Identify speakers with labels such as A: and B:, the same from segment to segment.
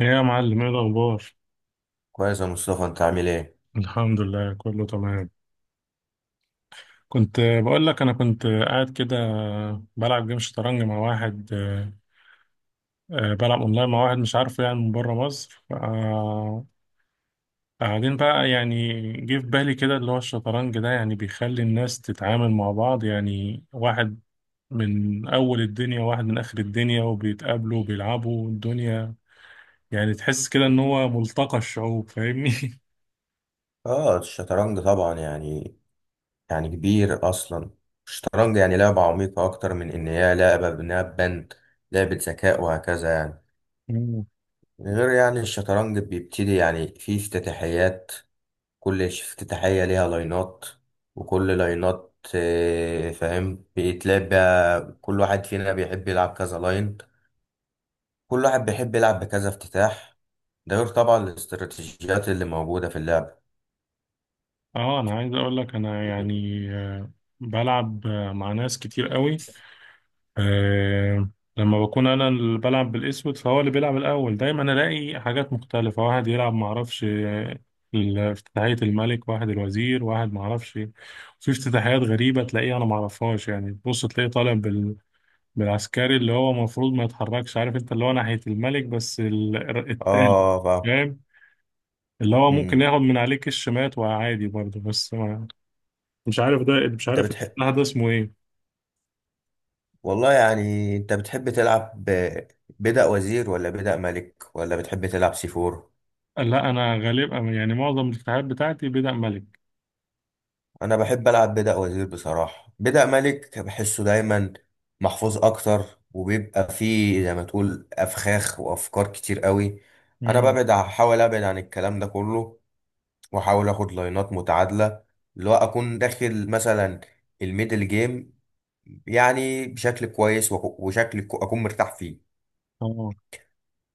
A: ايه يا معلم، ايه الاخبار؟
B: كويس يا مصطفى، انت عامل ايه؟
A: الحمد لله، كله تمام. كنت بقول لك انا كنت قاعد كده بلعب جيم شطرنج مع واحد. بلعب اونلاين مع واحد مش عارفه، يعني من بره مصر. قاعدين بقى. يعني جه في بالي كده اللي هو الشطرنج ده، يعني بيخلي الناس تتعامل مع بعض. يعني واحد من اول الدنيا وواحد من اخر الدنيا وبيتقابلوا وبيلعبوا الدنيا، يعني تحس كده ان هو ملتقى الشعوب، فاهمني؟
B: اه، الشطرنج طبعا يعني كبير اصلا. الشطرنج يعني لعبة عميقة اكتر من ان هي لعبة بناء بند، لعبة ذكاء وهكذا يعني. غير يعني الشطرنج بيبتدي، يعني فيه افتتاحيات. كل افتتاحية ليها لاينات، وكل لاينات فاهم، بيتلعب بقى. كل واحد فينا بيحب يلعب كذا لاين، كل واحد بيحب يلعب بكذا افتتاح. ده غير طبعا الاستراتيجيات اللي موجودة في اللعبة.
A: اه، انا عايز اقول لك، انا يعني بلعب مع ناس كتير قوي. آه، لما بكون انا اللي بلعب بالاسود، فهو اللي بيلعب الاول دايما. الاقي حاجات مختلفه، واحد يلعب معرفش، افتتاحيه الملك، واحد الوزير، واحد معرفش. في افتتاحيات غريبه تلاقيه انا معرفهاش. يعني تبص تلاقيه طالع بالعسكري اللي هو المفروض ما يتحركش، عارف انت، اللي هو ناحيه الملك، بس التالي،
B: اه.
A: فاهم، اللي هو ممكن
B: امم.
A: ياخد من عليك الشمات، وعادي برضه. بس مش
B: انت
A: عارف
B: بتحب
A: الافتتاح ده اسمه ايه.
B: والله يعني انت بتحب تلعب بدأ وزير ولا بدأ ملك، ولا بتحب تلعب سي فور؟
A: لا، انا غالبا يعني معظم الافتتاحات بتاعتي بدأ ملك.
B: انا بحب العب بدأ وزير بصراحة. بدأ ملك بحسه دايما محفوظ اكتر، وبيبقى فيه زي ما تقول افخاخ وافكار كتير قوي. انا
A: امم،
B: ببعد، احاول ابعد عن الكلام ده كله، واحاول اخد لاينات متعادلة، اللي هو اكون داخل مثلا الميدل جيم يعني بشكل كويس وشكل اكون مرتاح فيه.
A: اه،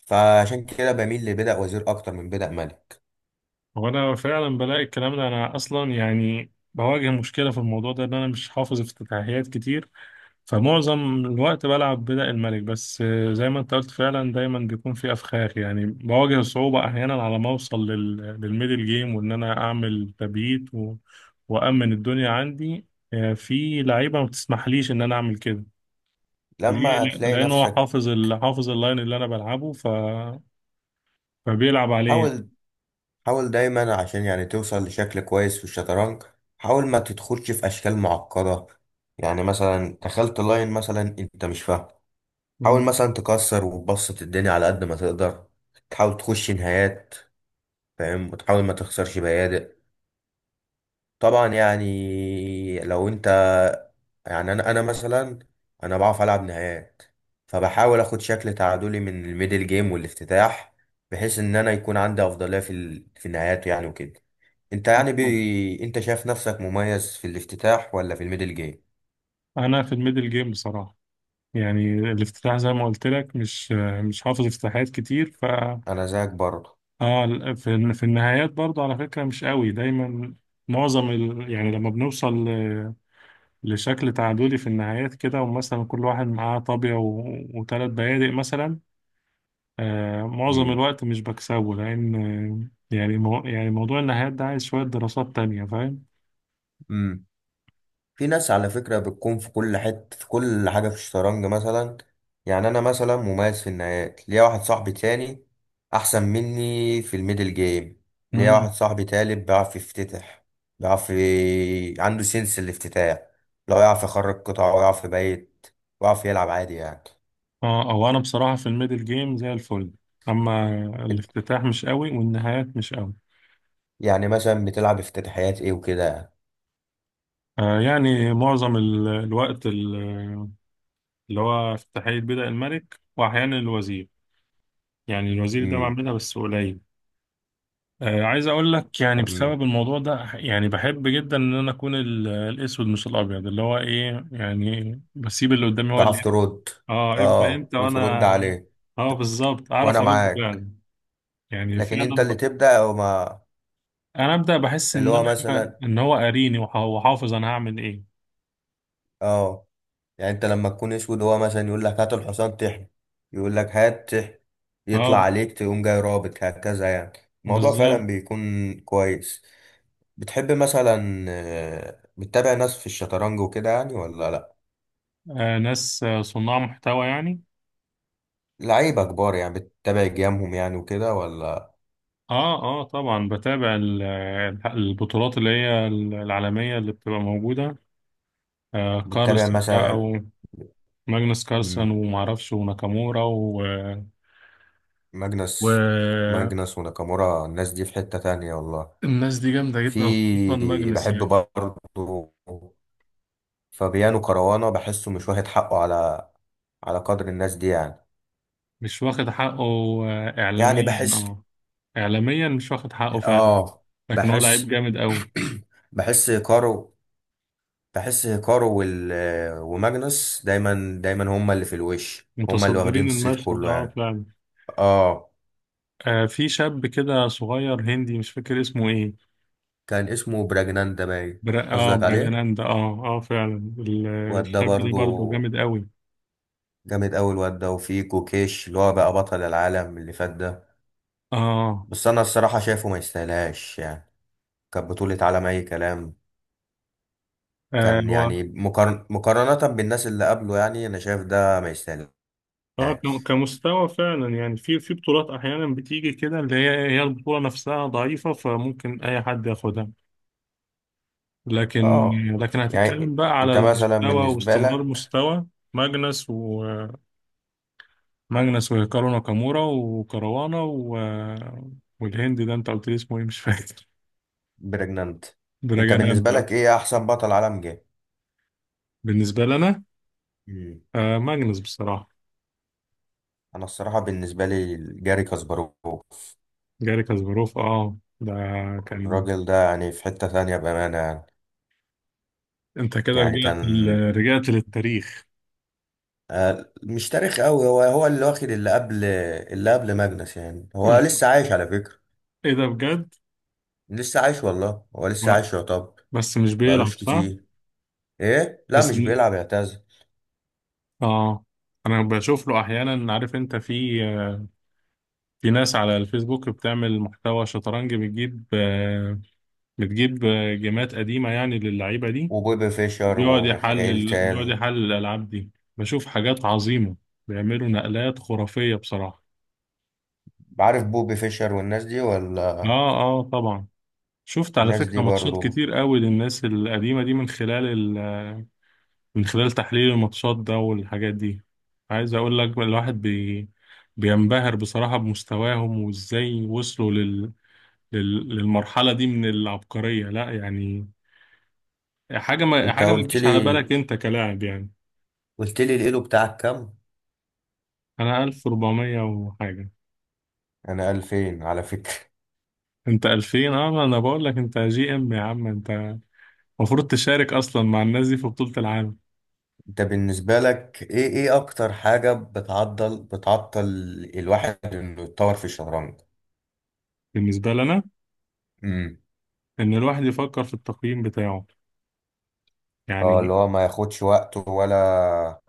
B: فعشان كده بميل لبدأ وزير أكتر من بدأ مالك.
A: هو انا فعلا بلاقي الكلام ده، انا اصلا يعني بواجه مشكله في الموضوع ده ان انا مش حافظ افتتاحيات كتير. فمعظم الوقت بلعب بدأ الملك بس. زي ما انت قلت فعلا، دايما بيكون في افخاخ. يعني بواجه صعوبه احيانا على ما اوصل للميدل جيم، وان انا اعمل تبييت وامن الدنيا عندي. في لعيبه ما بتسمحليش ان انا اعمل كده. ليه؟
B: لما تلاقي
A: لانه هو
B: نفسك،
A: حافظ اللاين اللي انا بلعبه، فبيلعب عليه.
B: حاول، حاول دايما عشان يعني توصل لشكل كويس في الشطرنج. حاول ما تدخلش في أشكال معقدة، يعني مثلا دخلت لاين مثلا أنت مش فاهم،
A: مم.
B: حاول مثلا تكسر وتبسط الدنيا على قد ما تقدر، تحاول تخش نهايات، فاهم، وتحاول ما تخسرش بيادق. طبعا يعني لو انت، يعني انا مثلا انا بعرف العب نهائيات، فبحاول اخد شكل تعادلي من الميدل جيم والافتتاح، بحيث ان انا يكون عندي افضليه في في النهايات يعني وكده. انت يعني انت شايف نفسك مميز في الافتتاح ولا في الميدل جيم؟
A: انا في الميدل جيم بصراحه، يعني الافتتاح زي ما قلت لك مش حافظ افتتاحات كتير، ف.
B: انا زيك برضه.
A: اه، في النهايات برضه على فكره مش قوي دايما. معظم يعني لما بنوصل لشكل تعادلي في النهايات كده، ومثلا كل واحد معاه طابيه وثلاث بيادق مثلا. معظم الوقت مش بكسبه، لأن آه، يعني مو يعني موضوع النهايات ده عايز شوية دراسات تانية، فاهم؟
B: امم. في ناس على فكرة بتكون في كل حتة، في كل حاجة في الشطرنج مثلا. يعني أنا مثلا مميز في النهايات، ليا واحد صاحبي تاني أحسن مني في الميدل جيم، ليا
A: مم.
B: واحد صاحبي تالت بيعرف يفتتح، بيعرف عنده سنس الافتتاح، لو يعرف يخرج قطع ويعرف يبيت، ويعرف يلعب عادي يعني.
A: اه، أو أنا بصراحة في الميدل جيم زي الفل. أما
B: انت-
A: الافتتاح مش قوي، والنهايات مش قوي.
B: يعني مثلا بتلعب افتتاحيات ايه وكده؟
A: يعني معظم الوقت اللي هو افتتاحية بدأ الملك، وأحيانا الوزير. يعني الوزير ده
B: امم.
A: بعملها بس قليل. عايز أقول لك يعني
B: أمم.
A: بسبب الموضوع ده، يعني بحب جدا إن أنا أكون الأسود مش الأبيض، اللي هو إيه، يعني بسيب اللي قدامي هو
B: تعرف
A: اللي.
B: ترد.
A: اه ابدا،
B: اه،
A: انت
B: وترد
A: وانا.
B: عليه.
A: اه بالظبط، اعرف
B: وانا
A: ارد
B: معاك،
A: فعلا. يعني
B: لكن انت
A: فعلا
B: اللي تبدأ وما.
A: انا ابدا بحس
B: اللي هو مثلا،
A: ان هو قاريني، وحافظ انا هعمل ايه.
B: اه، يعني انت لما تكون اسود، هو مثلا يقول لك هات الحصان تحمي، يقول لك هات تحمي، يطلع
A: اه
B: عليك تقوم جاي رابط هكذا يعني. الموضوع فعلا
A: بالظبط.
B: بيكون كويس. بتحب مثلا بتتابع ناس في الشطرنج وكده يعني، ولا لا؟
A: ناس صناع محتوى يعني.
B: لعيبة كبار يعني، بتتابع جيمهم يعني وكده ولا؟
A: اه، اه طبعا، بتابع البطولات اللي هي العالميه اللي بتبقى موجوده.
B: بتتابع
A: كارلس بقى،
B: مثلا،
A: وماجنس كارلسن،
B: مم،
A: ومعرفش وناكامورا
B: ماجنس
A: والناس
B: ماجنس وناكامورا، الناس دي في حتة تانية والله.
A: دي جامده جدا، خصوصا
B: في
A: ماجنس
B: بحب
A: يعني.
B: برضه فبيانو كروانة، بحسه مش واخد حقه على قدر الناس دي يعني.
A: مش واخد حقه،
B: يعني
A: إعلاميا
B: بحس،
A: اه. إعلاميا مش واخد حقه فعلا،
B: اه
A: لكن هو لعيب
B: بحس،
A: جامد أوي.
B: كارو، بحس كارو وماجنس دايما دايما هما اللي في الوش، هما اللي واخدين
A: متصدرين
B: الصيت
A: المشهد،
B: كله
A: اه
B: يعني.
A: فعلا.
B: اه،
A: في شاب كده صغير هندي، مش فاكر اسمه ايه.
B: كان اسمه براجنان ده باين. قصدك عليه،
A: براجاناندا. اه اه فعلا.
B: الواد ده
A: الشاب ده برضه
B: برضو
A: جامد أوي.
B: جامد أوي. الواد ده، وفي كوكيش اللي هو بقى بطل العالم اللي فات ده،
A: اه.
B: بس أنا الصراحة شايفه ما يستاهلهاش يعني. كانت بطولة عالم أي كلام. كان
A: هو
B: يعني مقارنة بالناس اللي قبله، يعني أنا شايف ده ما يستاهلش.
A: اه كمستوى فعلا، يعني في بطولات احيانا بتيجي كده، اللي هي البطوله نفسها ضعيفه، فممكن اي حد ياخدها. لكن،
B: اه،
A: هتتكلم
B: يعني
A: بقى على
B: أنت مثلا
A: المستوى
B: بالنسبة
A: واستمرار
B: لك،
A: مستوى. ماجنس. وماجنس وهيكارو ناكامورا وكروانا والهند ده انت قلت لي اسمه ايه مش فاكر.
B: بريجنانت. أنت
A: براجانات
B: بالنسبة
A: ده.
B: لك إيه أحسن بطل عالم جه؟
A: بالنسبة لنا،
B: مم.
A: ماجنس بصراحة.
B: أنا الصراحة بالنسبة لي جاري كاسباروف.
A: جاري كاسباروف، اه ده كان.
B: الراجل ده يعني في حتة ثانية بأمانة يعني.
A: انت كده
B: يعني
A: رجعت
B: كان
A: للتاريخ.
B: مش تاريخ قوي، هو هو اللي واخد اللي قبل ماجنس يعني. هو لسه عايش على فكرة.
A: ايه ده بجد؟
B: لسه عايش والله، هو لسه
A: ما...
B: عايش يعتبر.
A: بس مش بيلعب
B: بقالوش
A: صح.
B: كتير. ايه، لا
A: بس
B: مش بيلعب، اعتزل.
A: اه انا بشوف له احيانا. عارف انت، في ناس على الفيسبوك بتعمل محتوى شطرنج، بتجيب جيمات قديمة يعني للعيبة دي،
B: وبوبي فيشر
A: وبيقعد
B: وميخائيل
A: يحلل بيقعد
B: تال.
A: يحلل الألعاب دي. بشوف حاجات عظيمة، بيعملوا نقلات خرافية بصراحة.
B: عارف بوبي فيشر والناس دي ولا؟
A: اه، اه طبعا، شفت على
B: الناس دي
A: فكرة ماتشات
B: برضو.
A: كتير قوي للناس القديمة دي ال... من خلال تحليل الماتشات ده والحاجات دي. عايز اقول لك الواحد بينبهر بصراحة بمستواهم، وازاي وصلوا للمرحلة دي من العبقرية. لا يعني،
B: انت
A: حاجة ما
B: قلت
A: تجيش على بالك
B: لي،
A: أنت كلاعب يعني.
B: الايلو بتاعك كام؟
A: أنا 1400 وحاجة.
B: انا 2000 على فكرة.
A: أنت 2000، أه أنا بقول لك أنت GM يا عم، أنت المفروض تشارك أصلا مع الناس دي في بطولة العالم.
B: انت بالنسبة لك ايه ايه اكتر حاجة بتعضل، بتعطل الواحد انه يتطور في الشطرنج؟
A: بالنسبة لنا،
B: امم.
A: إن الواحد يفكر في التقييم بتاعه
B: اه،
A: يعني.
B: اللي هو ما ياخدش وقته ولا؟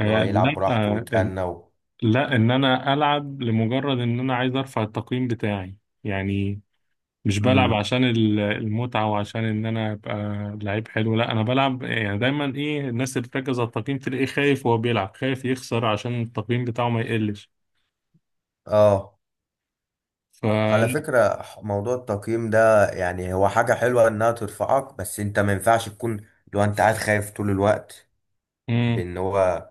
B: اللي هو يلعب
A: لا،
B: براحته ويتأنى و...
A: لا، إن أنا ألعب لمجرد إن أنا عايز أرفع التقييم بتاعي يعني. مش بلعب
B: امم.
A: عشان المتعة، وعشان ان انا ابقى لعيب حلو. لا، انا بلعب يعني دايما. ايه، الناس اللي بتركز على التقييم تلاقيه خايف، وهو بيلعب خايف يخسر عشان التقييم بتاعه ما يقلش،
B: اه، على
A: فلا.
B: فكرة موضوع التقييم ده، يعني هو حاجة حلوة إنها ترفعك، بس أنت ما ينفعش تكون، لو أنت قاعد خايف طول الوقت،
A: امم.
B: بإن هو،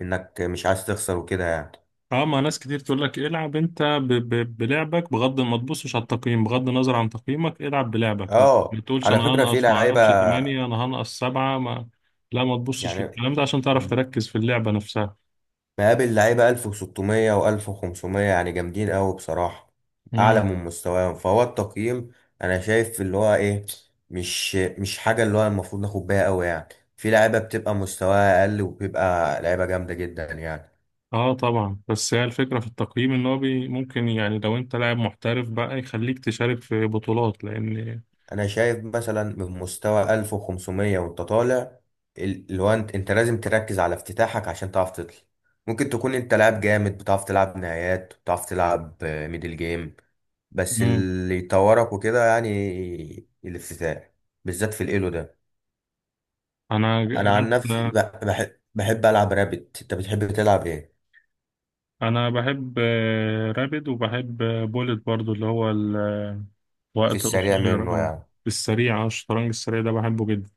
B: إنك مش عايز تخسر وكده يعني.
A: اه، ما ناس كتير تقول لك العب انت بلعبك، بغض ما تبصش على التقييم، بغض النظر عن تقييمك العب بلعبك. ما
B: أه،
A: بتقولش
B: على
A: انا
B: فكرة في
A: هنقص ما
B: لعيبة،
A: اعرفش 8، انا هنقص 7، ما. لا ما تبصش
B: يعني
A: للكلام ده، عشان تعرف تركز في اللعبة نفسها.
B: مقابل لعيبة 1600 و1500 يعني جامدين أوي بصراحة، أعلى من مستواهم فهو التقييم. أنا شايف اللي هو إيه، مش حاجة اللي هو المفروض ناخد بيها أوي يعني. في لعيبة بتبقى مستواها أقل وبيبقى لعيبة جامدة جدا يعني.
A: اه طبعا. بس هي الفكرة في التقييم ان هو بي ممكن، يعني لو انت لاعب محترف بقى، يخليك تشارك في بطولات لان.
B: انا شايف مثلا من مستوى 1500 وانت طالع، اللي هو انت لازم تركز على افتتاحك عشان تعرف تطلع. ممكن تكون انت لاعب جامد، بتعرف تلعب نهايات، بتعرف تلعب ميدل جيم، بس
A: مم.
B: اللي يطورك وكده يعني الافتتاح، بالذات في الايلو ده.
A: انا
B: انا
A: جيت.
B: عن نفسي بحب بحب العب رابت. انت بتحب تلعب ايه؟
A: انا بحب رابد، وبحب بولت برضو، اللي هو
B: في
A: الوقت
B: السريع
A: القصير.
B: منه
A: اه،
B: يعني.
A: السريع. اه الشطرنج السريع ده بحبه جدا.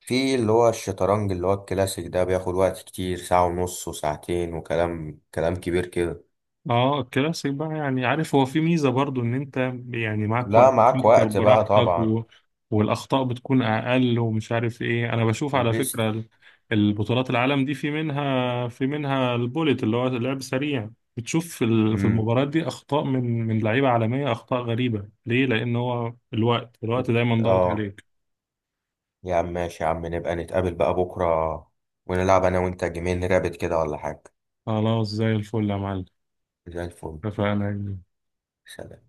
B: في اللي هو الشطرنج، اللي هو الكلاسيك ده بياخد وقت كتير، ساعة ونص وساعتين، وكلام كلام كبير كده.
A: اه الكلاسيك بقى، يعني عارف هو في ميزة برضو ان انت يعني معاك
B: لا،
A: وقت
B: معاك
A: تفكر
B: وقت بقى
A: براحتك
B: طبعا.
A: والاخطاء بتكون اقل، ومش عارف ايه. انا بشوف على
B: البيست.
A: فكرة البطولات العالم دي، في منها البوليت اللي هو لعب سريع. بتشوف في
B: امم.
A: المباريات دي اخطاء من لعيبة عالمية، اخطاء غريبة. ليه؟ لان هو الوقت، دايما ضاغط
B: اه،
A: عليك.
B: يا عم ماشي، يا عم نبقى نتقابل بقى بكرة، ونلعب انا وانت جيمين رابط كده ولا حاجة.
A: خلاص، زي الفل يا معلم.
B: زي الفل.
A: اتفقنا.
B: سلام.